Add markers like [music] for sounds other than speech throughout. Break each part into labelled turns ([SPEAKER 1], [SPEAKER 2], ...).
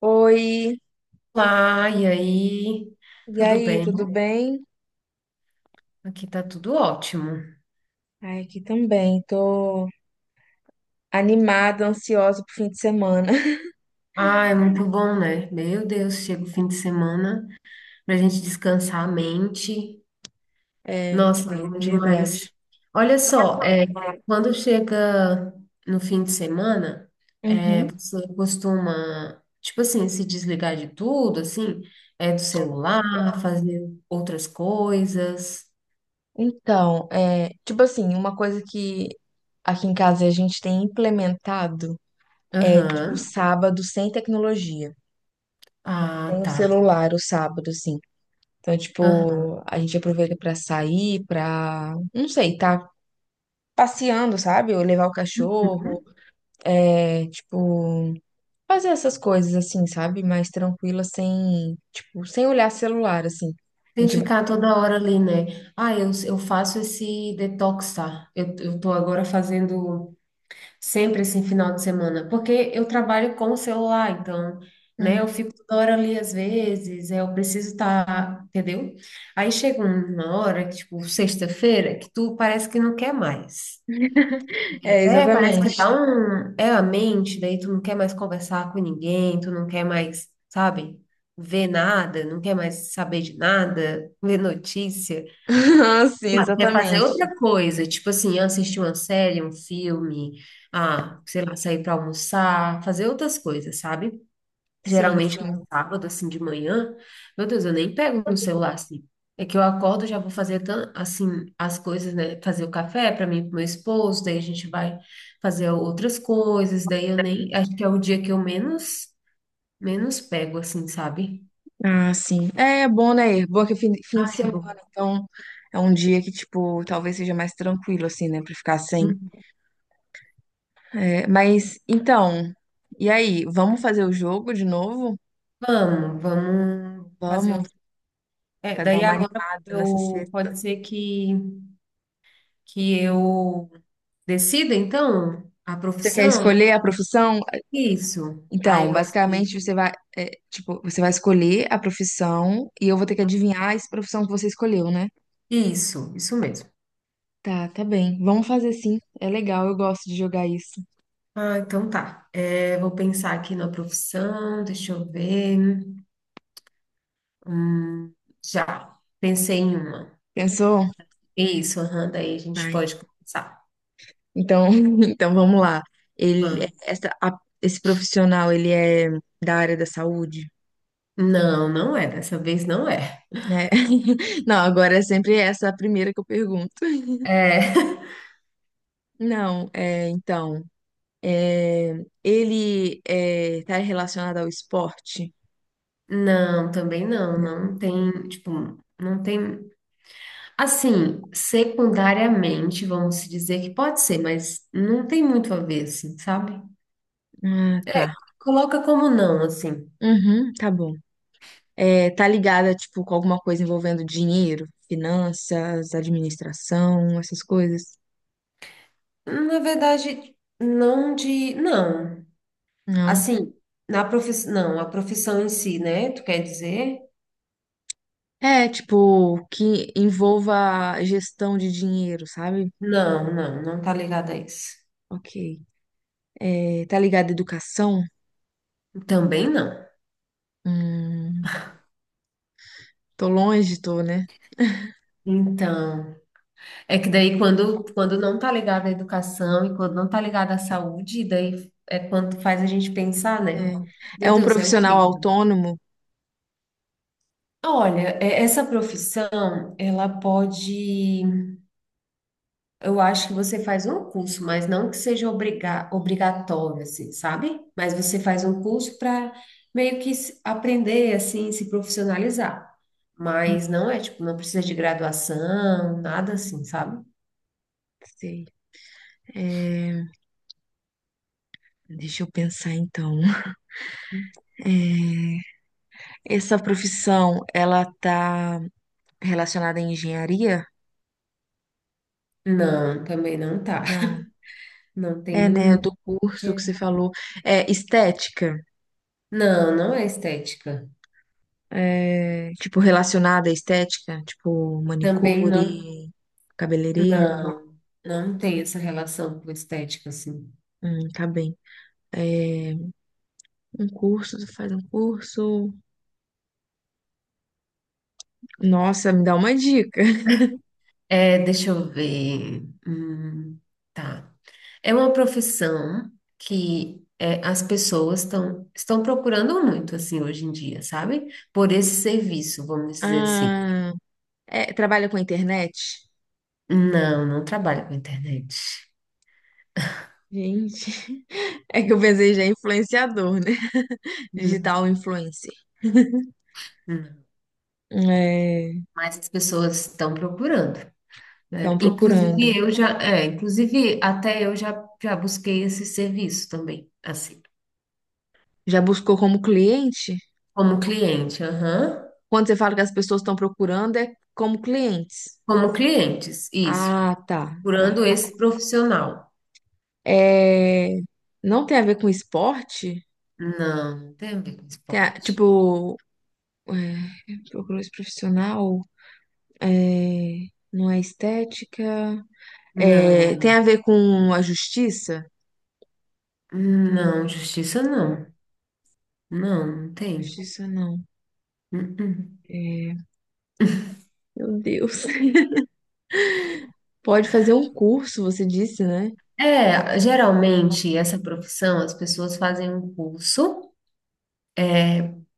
[SPEAKER 1] Oi,
[SPEAKER 2] Olá, e aí?
[SPEAKER 1] e
[SPEAKER 2] Tudo
[SPEAKER 1] aí, tudo
[SPEAKER 2] bem?
[SPEAKER 1] bem?
[SPEAKER 2] Aqui tá tudo ótimo.
[SPEAKER 1] Ai, aqui também, tô animada, ansiosa pro fim de semana. [laughs]
[SPEAKER 2] Ah, é muito bom, né? Meu Deus, chega o fim de semana pra gente descansar a mente.
[SPEAKER 1] É,
[SPEAKER 2] Nossa, é bom
[SPEAKER 1] não,
[SPEAKER 2] demais.
[SPEAKER 1] verdade.
[SPEAKER 2] Olha só, quando chega no fim de semana,
[SPEAKER 1] Uhum.
[SPEAKER 2] você costuma, tipo assim, se desligar de tudo, assim, é do celular, fazer outras coisas.
[SPEAKER 1] Então, é, tipo assim, uma coisa que aqui em casa a gente tem implementado é, tipo,
[SPEAKER 2] Aham.
[SPEAKER 1] sábado sem tecnologia.
[SPEAKER 2] Ah,
[SPEAKER 1] Sem o
[SPEAKER 2] tá.
[SPEAKER 1] celular, o sábado, assim. Então,
[SPEAKER 2] Aham.
[SPEAKER 1] tipo, a gente aproveita pra sair, pra, não sei, tá passeando, sabe? Ou levar o cachorro, é, tipo... fazer essas coisas assim, sabe? Mais tranquila, sem, tipo, sem olhar celular, assim. A
[SPEAKER 2] Tem que
[SPEAKER 1] gente vai...
[SPEAKER 2] ficar toda hora ali, né? Ah, eu faço esse detox, tá? Eu tô agora fazendo sempre esse final de semana, porque eu trabalho com o celular, então, né?
[SPEAKER 1] Hum.
[SPEAKER 2] Eu fico toda hora ali às vezes, eu preciso estar, entendeu? Aí chega uma hora, que, tipo, sexta-feira, que tu parece que não quer mais.
[SPEAKER 1] É,
[SPEAKER 2] É, parece
[SPEAKER 1] exatamente.
[SPEAKER 2] que dá
[SPEAKER 1] [laughs]
[SPEAKER 2] um. É a mente, daí tu não quer mais conversar com ninguém, tu não quer mais, sabe, ver nada, não quer mais saber de nada, ver notícia.
[SPEAKER 1] Ah, sim,
[SPEAKER 2] Ah, quer fazer
[SPEAKER 1] exatamente.
[SPEAKER 2] outra coisa, tipo assim, assistir uma série, um filme, ah, sei lá, sair para almoçar, fazer outras coisas, sabe?
[SPEAKER 1] Sim,
[SPEAKER 2] Geralmente no
[SPEAKER 1] sim.
[SPEAKER 2] sábado, assim, de manhã, meu Deus, eu nem pego no celular, assim. É que eu acordo, já vou fazer, assim, as coisas, né? Fazer o café para mim e pro meu esposo, daí a gente vai fazer outras coisas, daí eu nem, acho que é o dia que eu menos, menos pego, assim, sabe?
[SPEAKER 1] Ah, sim. É, é bom, né? É bom que é fim de
[SPEAKER 2] Ai, é
[SPEAKER 1] semana,
[SPEAKER 2] bom.
[SPEAKER 1] então é um dia que, tipo, talvez seja mais tranquilo, assim, né? Pra ficar sem. É, mas, então, e aí? Vamos fazer o jogo de novo?
[SPEAKER 2] Vamos, vamos fazer.
[SPEAKER 1] Vamos,
[SPEAKER 2] É,
[SPEAKER 1] pra dar
[SPEAKER 2] daí
[SPEAKER 1] uma
[SPEAKER 2] agora
[SPEAKER 1] animada nessa
[SPEAKER 2] eu
[SPEAKER 1] sexta.
[SPEAKER 2] pode ser que eu decida, então, a
[SPEAKER 1] Você quer
[SPEAKER 2] profissão?
[SPEAKER 1] escolher a profissão?
[SPEAKER 2] Isso. Aí
[SPEAKER 1] Então,
[SPEAKER 2] você.
[SPEAKER 1] basicamente, você vai, é, tipo, você vai escolher a profissão e eu vou ter que adivinhar essa profissão que você escolheu, né?
[SPEAKER 2] Isso mesmo.
[SPEAKER 1] Tá, tá bem. Vamos fazer sim. É legal, eu gosto de jogar isso.
[SPEAKER 2] Ah, então tá. É, vou pensar aqui na profissão, deixa eu ver. Hum, já, pensei em uma.
[SPEAKER 1] Pensou?
[SPEAKER 2] Isso, aham, daí a gente
[SPEAKER 1] Vai.
[SPEAKER 2] pode começar.
[SPEAKER 1] Então, [laughs] então vamos lá. Ele,
[SPEAKER 2] Vamos.
[SPEAKER 1] essa, esse profissional, ele é da área da saúde,
[SPEAKER 2] Não, não é, dessa vez não é.
[SPEAKER 1] né? [laughs] Não, agora é sempre essa a primeira que eu pergunto.
[SPEAKER 2] É,
[SPEAKER 1] Não, é, então, é, ele é, tá relacionado ao esporte?
[SPEAKER 2] [laughs] não, também não, não tem, tipo, não tem. Assim, secundariamente, vamos se dizer que pode ser, mas não tem muito a ver, assim, sabe?
[SPEAKER 1] Ah, tá.
[SPEAKER 2] Coloca como não, assim.
[SPEAKER 1] Uhum, tá bom. É, tá ligada, tipo, com alguma coisa envolvendo dinheiro, finanças, administração, essas coisas?
[SPEAKER 2] Na verdade, não de. Não.
[SPEAKER 1] Não.
[SPEAKER 2] Assim, na profissão. Não, a profissão em si, né? Tu quer dizer?
[SPEAKER 1] É, tipo, que envolva gestão de dinheiro, sabe?
[SPEAKER 2] Não, não, não tá ligada a isso.
[SPEAKER 1] Ok. É, tá ligada à educação?
[SPEAKER 2] Também não.
[SPEAKER 1] Hum, tô longe, tô, né?
[SPEAKER 2] Então, é que daí quando não tá ligado à educação e quando não tá ligado à saúde, daí é quando faz a gente pensar, né?
[SPEAKER 1] É,
[SPEAKER 2] Meu
[SPEAKER 1] é um
[SPEAKER 2] Deus, é o
[SPEAKER 1] profissional
[SPEAKER 2] quê?
[SPEAKER 1] autônomo?
[SPEAKER 2] Olha, essa profissão, ela pode, eu acho que você faz um curso, mas não que seja obrigatório, assim, sabe? Mas você faz um curso para meio que aprender, assim, se profissionalizar.
[SPEAKER 1] Hum,
[SPEAKER 2] Mas não é, tipo, não precisa de graduação, nada assim, sabe?
[SPEAKER 1] Sei. É, deixa eu pensar então. É, essa profissão, ela tá relacionada à engenharia?
[SPEAKER 2] Não, também não tá.
[SPEAKER 1] Não.
[SPEAKER 2] Não
[SPEAKER 1] É, né,
[SPEAKER 2] tem.
[SPEAKER 1] do curso que você falou. É, estética,
[SPEAKER 2] Não, não é estética.
[SPEAKER 1] é, tipo, relacionada à estética, tipo,
[SPEAKER 2] Também não,
[SPEAKER 1] manicure, cabeleireiro.
[SPEAKER 2] não, não tem essa relação com estética, assim.
[SPEAKER 1] Tá bem. É, um curso, tu faz um curso. Nossa, me dá uma dica. [laughs]
[SPEAKER 2] É, deixa eu ver. Tá. É uma profissão que é, as pessoas estão procurando muito, assim, hoje em dia, sabe? Por esse serviço, vamos dizer assim.
[SPEAKER 1] Ah, é, trabalha com internet?
[SPEAKER 2] Não, não trabalho com internet.
[SPEAKER 1] Gente, [laughs] é que eu pensei já em influenciador, né?
[SPEAKER 2] Não,
[SPEAKER 1] Digital influencer.
[SPEAKER 2] não.
[SPEAKER 1] É,
[SPEAKER 2] Mas as pessoas estão procurando, né?
[SPEAKER 1] estão procurando.
[SPEAKER 2] Inclusive eu já, é, inclusive até eu já, já busquei esse serviço também, assim,
[SPEAKER 1] Já buscou como cliente?
[SPEAKER 2] como cliente, aham.
[SPEAKER 1] Quando você fala que as pessoas estão procurando, é como clientes.
[SPEAKER 2] Como clientes, isso,
[SPEAKER 1] Ah, tá, tá.
[SPEAKER 2] procurando esse profissional.
[SPEAKER 1] É, não tem a ver com esporte?
[SPEAKER 2] Não, não tem a ver com esporte.
[SPEAKER 1] Tipo, é, procura-se profissional, é, não é estética. É, tem
[SPEAKER 2] Não,
[SPEAKER 1] a ver com a justiça?
[SPEAKER 2] não, justiça não. Não, não tem.
[SPEAKER 1] Justiça não.
[SPEAKER 2] Uh-uh.
[SPEAKER 1] É, meu Deus. [laughs] Pode fazer um curso, você disse, né?
[SPEAKER 2] É, geralmente essa profissão as pessoas fazem um curso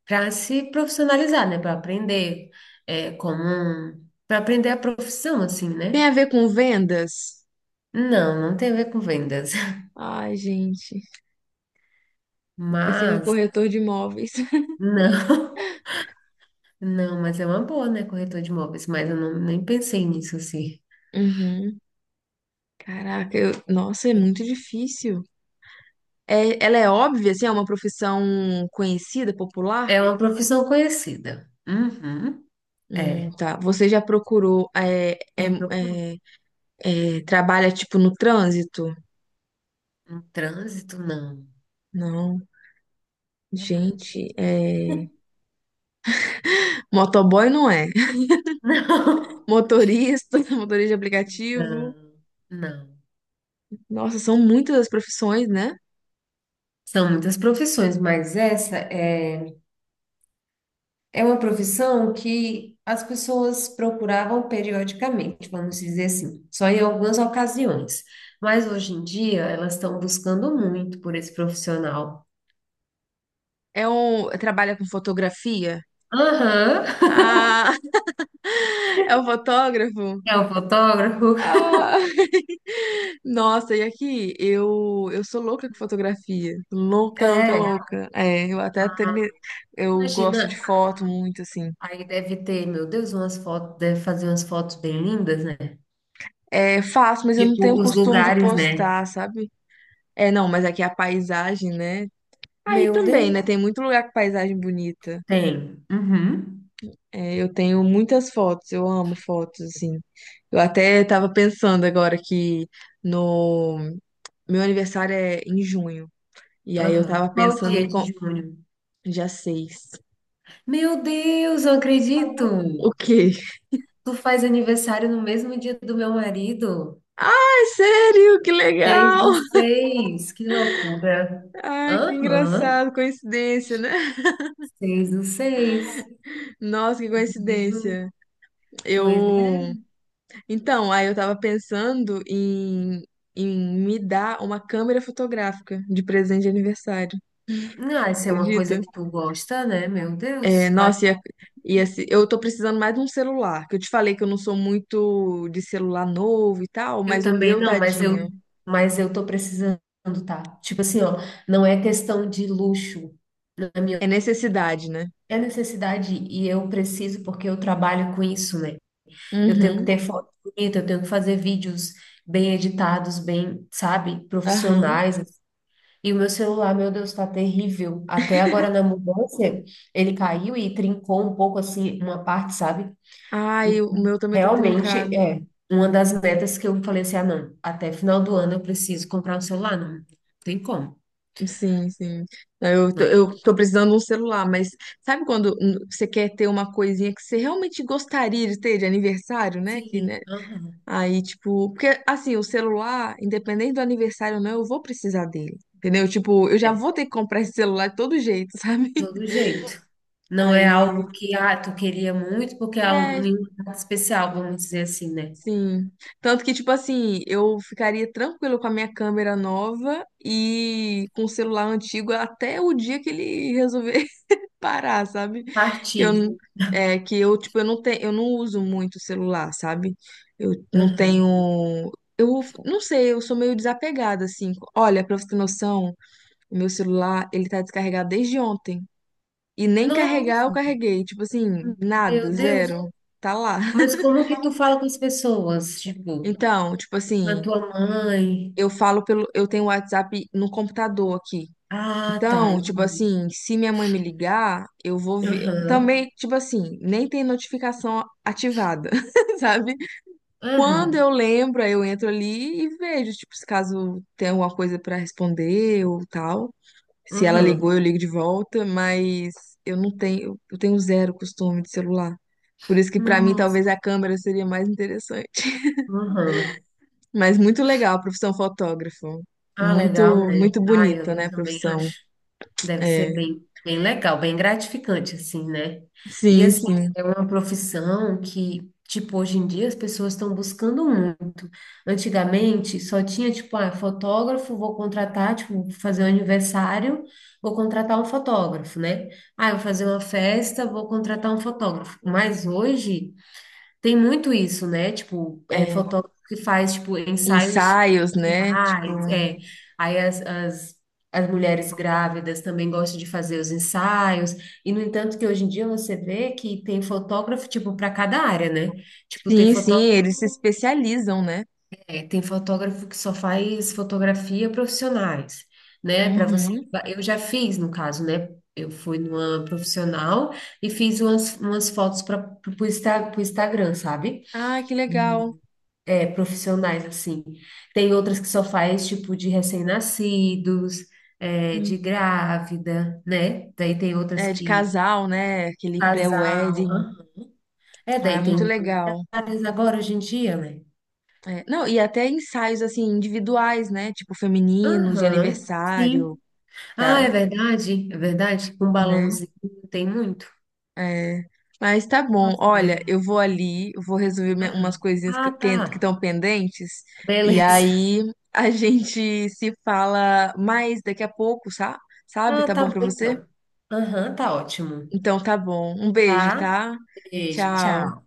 [SPEAKER 2] para se profissionalizar, né? Para aprender é, como um, para aprender a profissão, assim,
[SPEAKER 1] Tem
[SPEAKER 2] né?
[SPEAKER 1] a ver com vendas?
[SPEAKER 2] Não, não tem a ver com vendas. [laughs]
[SPEAKER 1] Ai, gente, eu pensei no
[SPEAKER 2] Mas,
[SPEAKER 1] corretor de imóveis. [laughs]
[SPEAKER 2] não, [laughs] não, mas é uma boa, né? Corretor de imóveis, mas eu não, nem pensei nisso, assim.
[SPEAKER 1] Uhum. Caraca, nossa, é muito difícil. É, ela é óbvia, assim, é uma profissão conhecida, popular?
[SPEAKER 2] É uma profissão conhecida. Uhum, é.
[SPEAKER 1] Tá. Você já procurou,
[SPEAKER 2] Já procurei.
[SPEAKER 1] é, é, trabalha, tipo, no trânsito?
[SPEAKER 2] Um trânsito, não.
[SPEAKER 1] Não.
[SPEAKER 2] Trabalho.
[SPEAKER 1] Gente, é... motoboy não é. [laughs]
[SPEAKER 2] Não,
[SPEAKER 1] Motorista, [laughs] motorista de
[SPEAKER 2] [laughs]
[SPEAKER 1] aplicativo.
[SPEAKER 2] não, não.
[SPEAKER 1] Nossa, são muitas as profissões, né?
[SPEAKER 2] São muitas profissões, mas essa é, é uma profissão que as pessoas procuravam periodicamente, vamos dizer assim, só em algumas ocasiões. Mas hoje em dia elas estão buscando muito por esse profissional.
[SPEAKER 1] É um... Trabalha com fotografia?
[SPEAKER 2] Aham,
[SPEAKER 1] Ah, [laughs] é um fotógrafo?
[SPEAKER 2] [laughs] é o fotógrafo.
[SPEAKER 1] Ah. [laughs] Nossa, e aqui, eu sou louca com fotografia. Louca, louca,
[SPEAKER 2] É,
[SPEAKER 1] louca. É, eu até, eu gosto de
[SPEAKER 2] imagina,
[SPEAKER 1] foto
[SPEAKER 2] aí,
[SPEAKER 1] muito, assim.
[SPEAKER 2] aí deve ter, meu Deus, umas fotos, deve fazer umas fotos bem lindas, né?
[SPEAKER 1] É, faço, mas eu não tenho
[SPEAKER 2] Tipo, os
[SPEAKER 1] costume de
[SPEAKER 2] lugares, né?
[SPEAKER 1] postar, sabe? É, não, mas aqui a paisagem, né? Aí
[SPEAKER 2] Meu
[SPEAKER 1] também, né?
[SPEAKER 2] Deus.
[SPEAKER 1] Tem muito lugar com paisagem bonita.
[SPEAKER 2] Tem. Uhum.
[SPEAKER 1] É, eu tenho muitas fotos, eu amo fotos, assim. Eu até tava pensando agora que no meu aniversário é em junho. E aí eu
[SPEAKER 2] Aham.
[SPEAKER 1] tava
[SPEAKER 2] Qual
[SPEAKER 1] pensando
[SPEAKER 2] dia
[SPEAKER 1] em,
[SPEAKER 2] de junho?
[SPEAKER 1] já sei.
[SPEAKER 2] Meu Deus, eu acredito!
[SPEAKER 1] O quê?
[SPEAKER 2] Tu faz aniversário no mesmo dia do meu marido?
[SPEAKER 1] Ai, sério? Que
[SPEAKER 2] Seis
[SPEAKER 1] legal!
[SPEAKER 2] do seis, que loucura!
[SPEAKER 1] Ai, que
[SPEAKER 2] Aham,
[SPEAKER 1] engraçado, coincidência, né?
[SPEAKER 2] 6 do 6.
[SPEAKER 1] Nossa, que
[SPEAKER 2] 6 de junho.
[SPEAKER 1] coincidência.
[SPEAKER 2] Pois
[SPEAKER 1] Eu.
[SPEAKER 2] é.
[SPEAKER 1] Então, aí eu tava pensando em, em me dar uma câmera fotográfica de presente de aniversário.
[SPEAKER 2] Ah, isso é uma
[SPEAKER 1] Acredita?
[SPEAKER 2] coisa que tu gosta, né? Meu
[SPEAKER 1] É,
[SPEAKER 2] Deus. Vai.
[SPEAKER 1] nossa, ia, ia, eu tô precisando mais de um celular. Que eu te falei que eu não sou muito de celular novo e tal,
[SPEAKER 2] Eu
[SPEAKER 1] mas o
[SPEAKER 2] também
[SPEAKER 1] meu,
[SPEAKER 2] não,
[SPEAKER 1] tadinho,
[SPEAKER 2] mas eu tô precisando, tá? Tipo assim, ó, não é questão de luxo. Na minha.
[SPEAKER 1] é necessidade, né?
[SPEAKER 2] É necessidade e eu preciso porque eu trabalho com isso, né? Eu tenho que
[SPEAKER 1] Uhum.
[SPEAKER 2] ter foto bonita, eu tenho que fazer vídeos bem editados, bem, sabe,
[SPEAKER 1] Aham.
[SPEAKER 2] profissionais. E o meu celular, meu Deus, tá terrível. Até agora na mudança, ele caiu e trincou um pouco assim uma parte, sabe?
[SPEAKER 1] Ai, o
[SPEAKER 2] Então,
[SPEAKER 1] meu também tá
[SPEAKER 2] realmente
[SPEAKER 1] trincado.
[SPEAKER 2] é uma das metas que eu falei assim, ah, não, até final do ano eu preciso comprar um celular, não tem como,
[SPEAKER 1] Sim, sim. Eu,
[SPEAKER 2] não.
[SPEAKER 1] eu tô precisando de um celular, mas sabe quando você quer ter uma coisinha que você realmente gostaria de ter de aniversário, né? Que, né?
[SPEAKER 2] Sim, aham.
[SPEAKER 1] Aí, tipo, porque assim, o celular, independente do aniversário ou não, eu vou precisar dele. Entendeu? Tipo, eu já vou ter que comprar esse celular de todo jeito, [laughs] sabe?
[SPEAKER 2] Todo jeito. Não é
[SPEAKER 1] Aí,
[SPEAKER 2] algo que, ah, tu queria muito porque é um-
[SPEAKER 1] é,
[SPEAKER 2] nenhum prato especial, vamos dizer assim, né?
[SPEAKER 1] sim. Tanto que, tipo assim, eu ficaria tranquilo com a minha câmera nova e com o celular antigo até o dia que ele resolver parar, sabe? Eu
[SPEAKER 2] Partir.
[SPEAKER 1] n- é que eu tipo eu não tenho, eu não uso muito o celular, sabe? Eu não
[SPEAKER 2] Aham.
[SPEAKER 1] tenho eu não sei, eu sou meio desapegada assim. Olha, pra você ter noção, o meu celular, ele tá descarregado desde ontem e nem carregar
[SPEAKER 2] Nossa,
[SPEAKER 1] eu carreguei, tipo assim, nada,
[SPEAKER 2] meu Deus.
[SPEAKER 1] zero. Tá lá.
[SPEAKER 2] Mas
[SPEAKER 1] [laughs]
[SPEAKER 2] como que tu fala com as pessoas? Tipo,
[SPEAKER 1] Então, tipo
[SPEAKER 2] com a
[SPEAKER 1] assim,
[SPEAKER 2] tua mãe?
[SPEAKER 1] eu falo pelo eu tenho o WhatsApp no computador aqui.
[SPEAKER 2] Ah, tá,
[SPEAKER 1] Então, tipo
[SPEAKER 2] entendi.
[SPEAKER 1] assim, se minha mãe me ligar, eu vou ver.
[SPEAKER 2] Aham.
[SPEAKER 1] Também, tipo assim, nem tem notificação ativada, [laughs] sabe? Quando
[SPEAKER 2] Aham.
[SPEAKER 1] eu lembro, aí eu entro ali e vejo, tipo, se caso tem alguma coisa pra responder ou tal. Se ela ligou,
[SPEAKER 2] Aham.
[SPEAKER 1] eu ligo de volta, mas eu não tenho, eu tenho zero costume de celular. Por isso que pra mim
[SPEAKER 2] Nossa.
[SPEAKER 1] talvez a câmera seria mais interessante. [laughs]
[SPEAKER 2] Aham.
[SPEAKER 1] Mas muito legal a profissão fotógrafo.
[SPEAKER 2] Ah, legal,
[SPEAKER 1] Muito,
[SPEAKER 2] né?
[SPEAKER 1] muito
[SPEAKER 2] Ah,
[SPEAKER 1] bonita, né,
[SPEAKER 2] eu
[SPEAKER 1] a
[SPEAKER 2] também
[SPEAKER 1] profissão.
[SPEAKER 2] acho. Deve ser
[SPEAKER 1] É,
[SPEAKER 2] bem, bem legal, bem gratificante, assim, né? E,
[SPEAKER 1] sim,
[SPEAKER 2] assim,
[SPEAKER 1] sim.
[SPEAKER 2] é uma profissão que, tipo, hoje em dia as pessoas estão buscando muito. Antigamente, só tinha, tipo, ah, fotógrafo, vou contratar, tipo, vou fazer um aniversário, vou contratar um fotógrafo, né? Ah, eu vou fazer uma festa, vou contratar um fotógrafo. Mas hoje, tem muito isso, né? Tipo, é,
[SPEAKER 1] É
[SPEAKER 2] fotógrafo que faz, tipo, ensaios
[SPEAKER 1] ensaios, né?
[SPEAKER 2] mais,
[SPEAKER 1] Tipo,
[SPEAKER 2] é. Aí as mulheres grávidas também gostam de fazer os ensaios. E, no entanto, que hoje em dia você vê que tem fotógrafo, tipo, para cada área, né? Tipo, tem
[SPEAKER 1] sim,
[SPEAKER 2] fotó
[SPEAKER 1] sim, eles se especializam, né?
[SPEAKER 2] é, tem fotógrafo que só faz fotografia profissionais, né? Para você...
[SPEAKER 1] Uhum.
[SPEAKER 2] Eu já fiz, no caso, né? Eu fui numa profissional e fiz umas fotos para o Instagram, sabe?
[SPEAKER 1] Ah, que legal.
[SPEAKER 2] É, profissionais, assim. Tem outras que só faz, tipo, de recém-nascidos, é, de
[SPEAKER 1] Hum.
[SPEAKER 2] grávida, né? Daí tem outras
[SPEAKER 1] É, de
[SPEAKER 2] que
[SPEAKER 1] casal, né? Aquele
[SPEAKER 2] casal.
[SPEAKER 1] pré-wedding.
[SPEAKER 2] Hã? É,
[SPEAKER 1] Ah, é
[SPEAKER 2] daí
[SPEAKER 1] muito
[SPEAKER 2] tem
[SPEAKER 1] legal.
[SPEAKER 2] várias agora hoje em dia, né?
[SPEAKER 1] É, não, e até ensaios, assim, individuais, né? Tipo, femininos, de
[SPEAKER 2] Aham,
[SPEAKER 1] aniversário,
[SPEAKER 2] sim.
[SPEAKER 1] que
[SPEAKER 2] Ah, é
[SPEAKER 1] a-
[SPEAKER 2] verdade, é verdade. Com
[SPEAKER 1] né?
[SPEAKER 2] balãozinho tem muito.
[SPEAKER 1] É, mas tá bom.
[SPEAKER 2] Nossa,
[SPEAKER 1] Olha,
[SPEAKER 2] é.
[SPEAKER 1] eu vou ali, eu vou resolver
[SPEAKER 2] Aham.
[SPEAKER 1] umas coisinhas que
[SPEAKER 2] Ah, tá.
[SPEAKER 1] estão pendentes e
[SPEAKER 2] Beleza. [laughs]
[SPEAKER 1] aí a [laughs] gente se fala mais daqui a pouco, sabe?
[SPEAKER 2] Ah,
[SPEAKER 1] Tá
[SPEAKER 2] tá
[SPEAKER 1] bom pra
[SPEAKER 2] bom
[SPEAKER 1] você?
[SPEAKER 2] então. Aham, tá ótimo.
[SPEAKER 1] Então tá bom. Um beijo,
[SPEAKER 2] Tá?
[SPEAKER 1] tá?
[SPEAKER 2] Beijo,
[SPEAKER 1] Tchau.
[SPEAKER 2] tchau.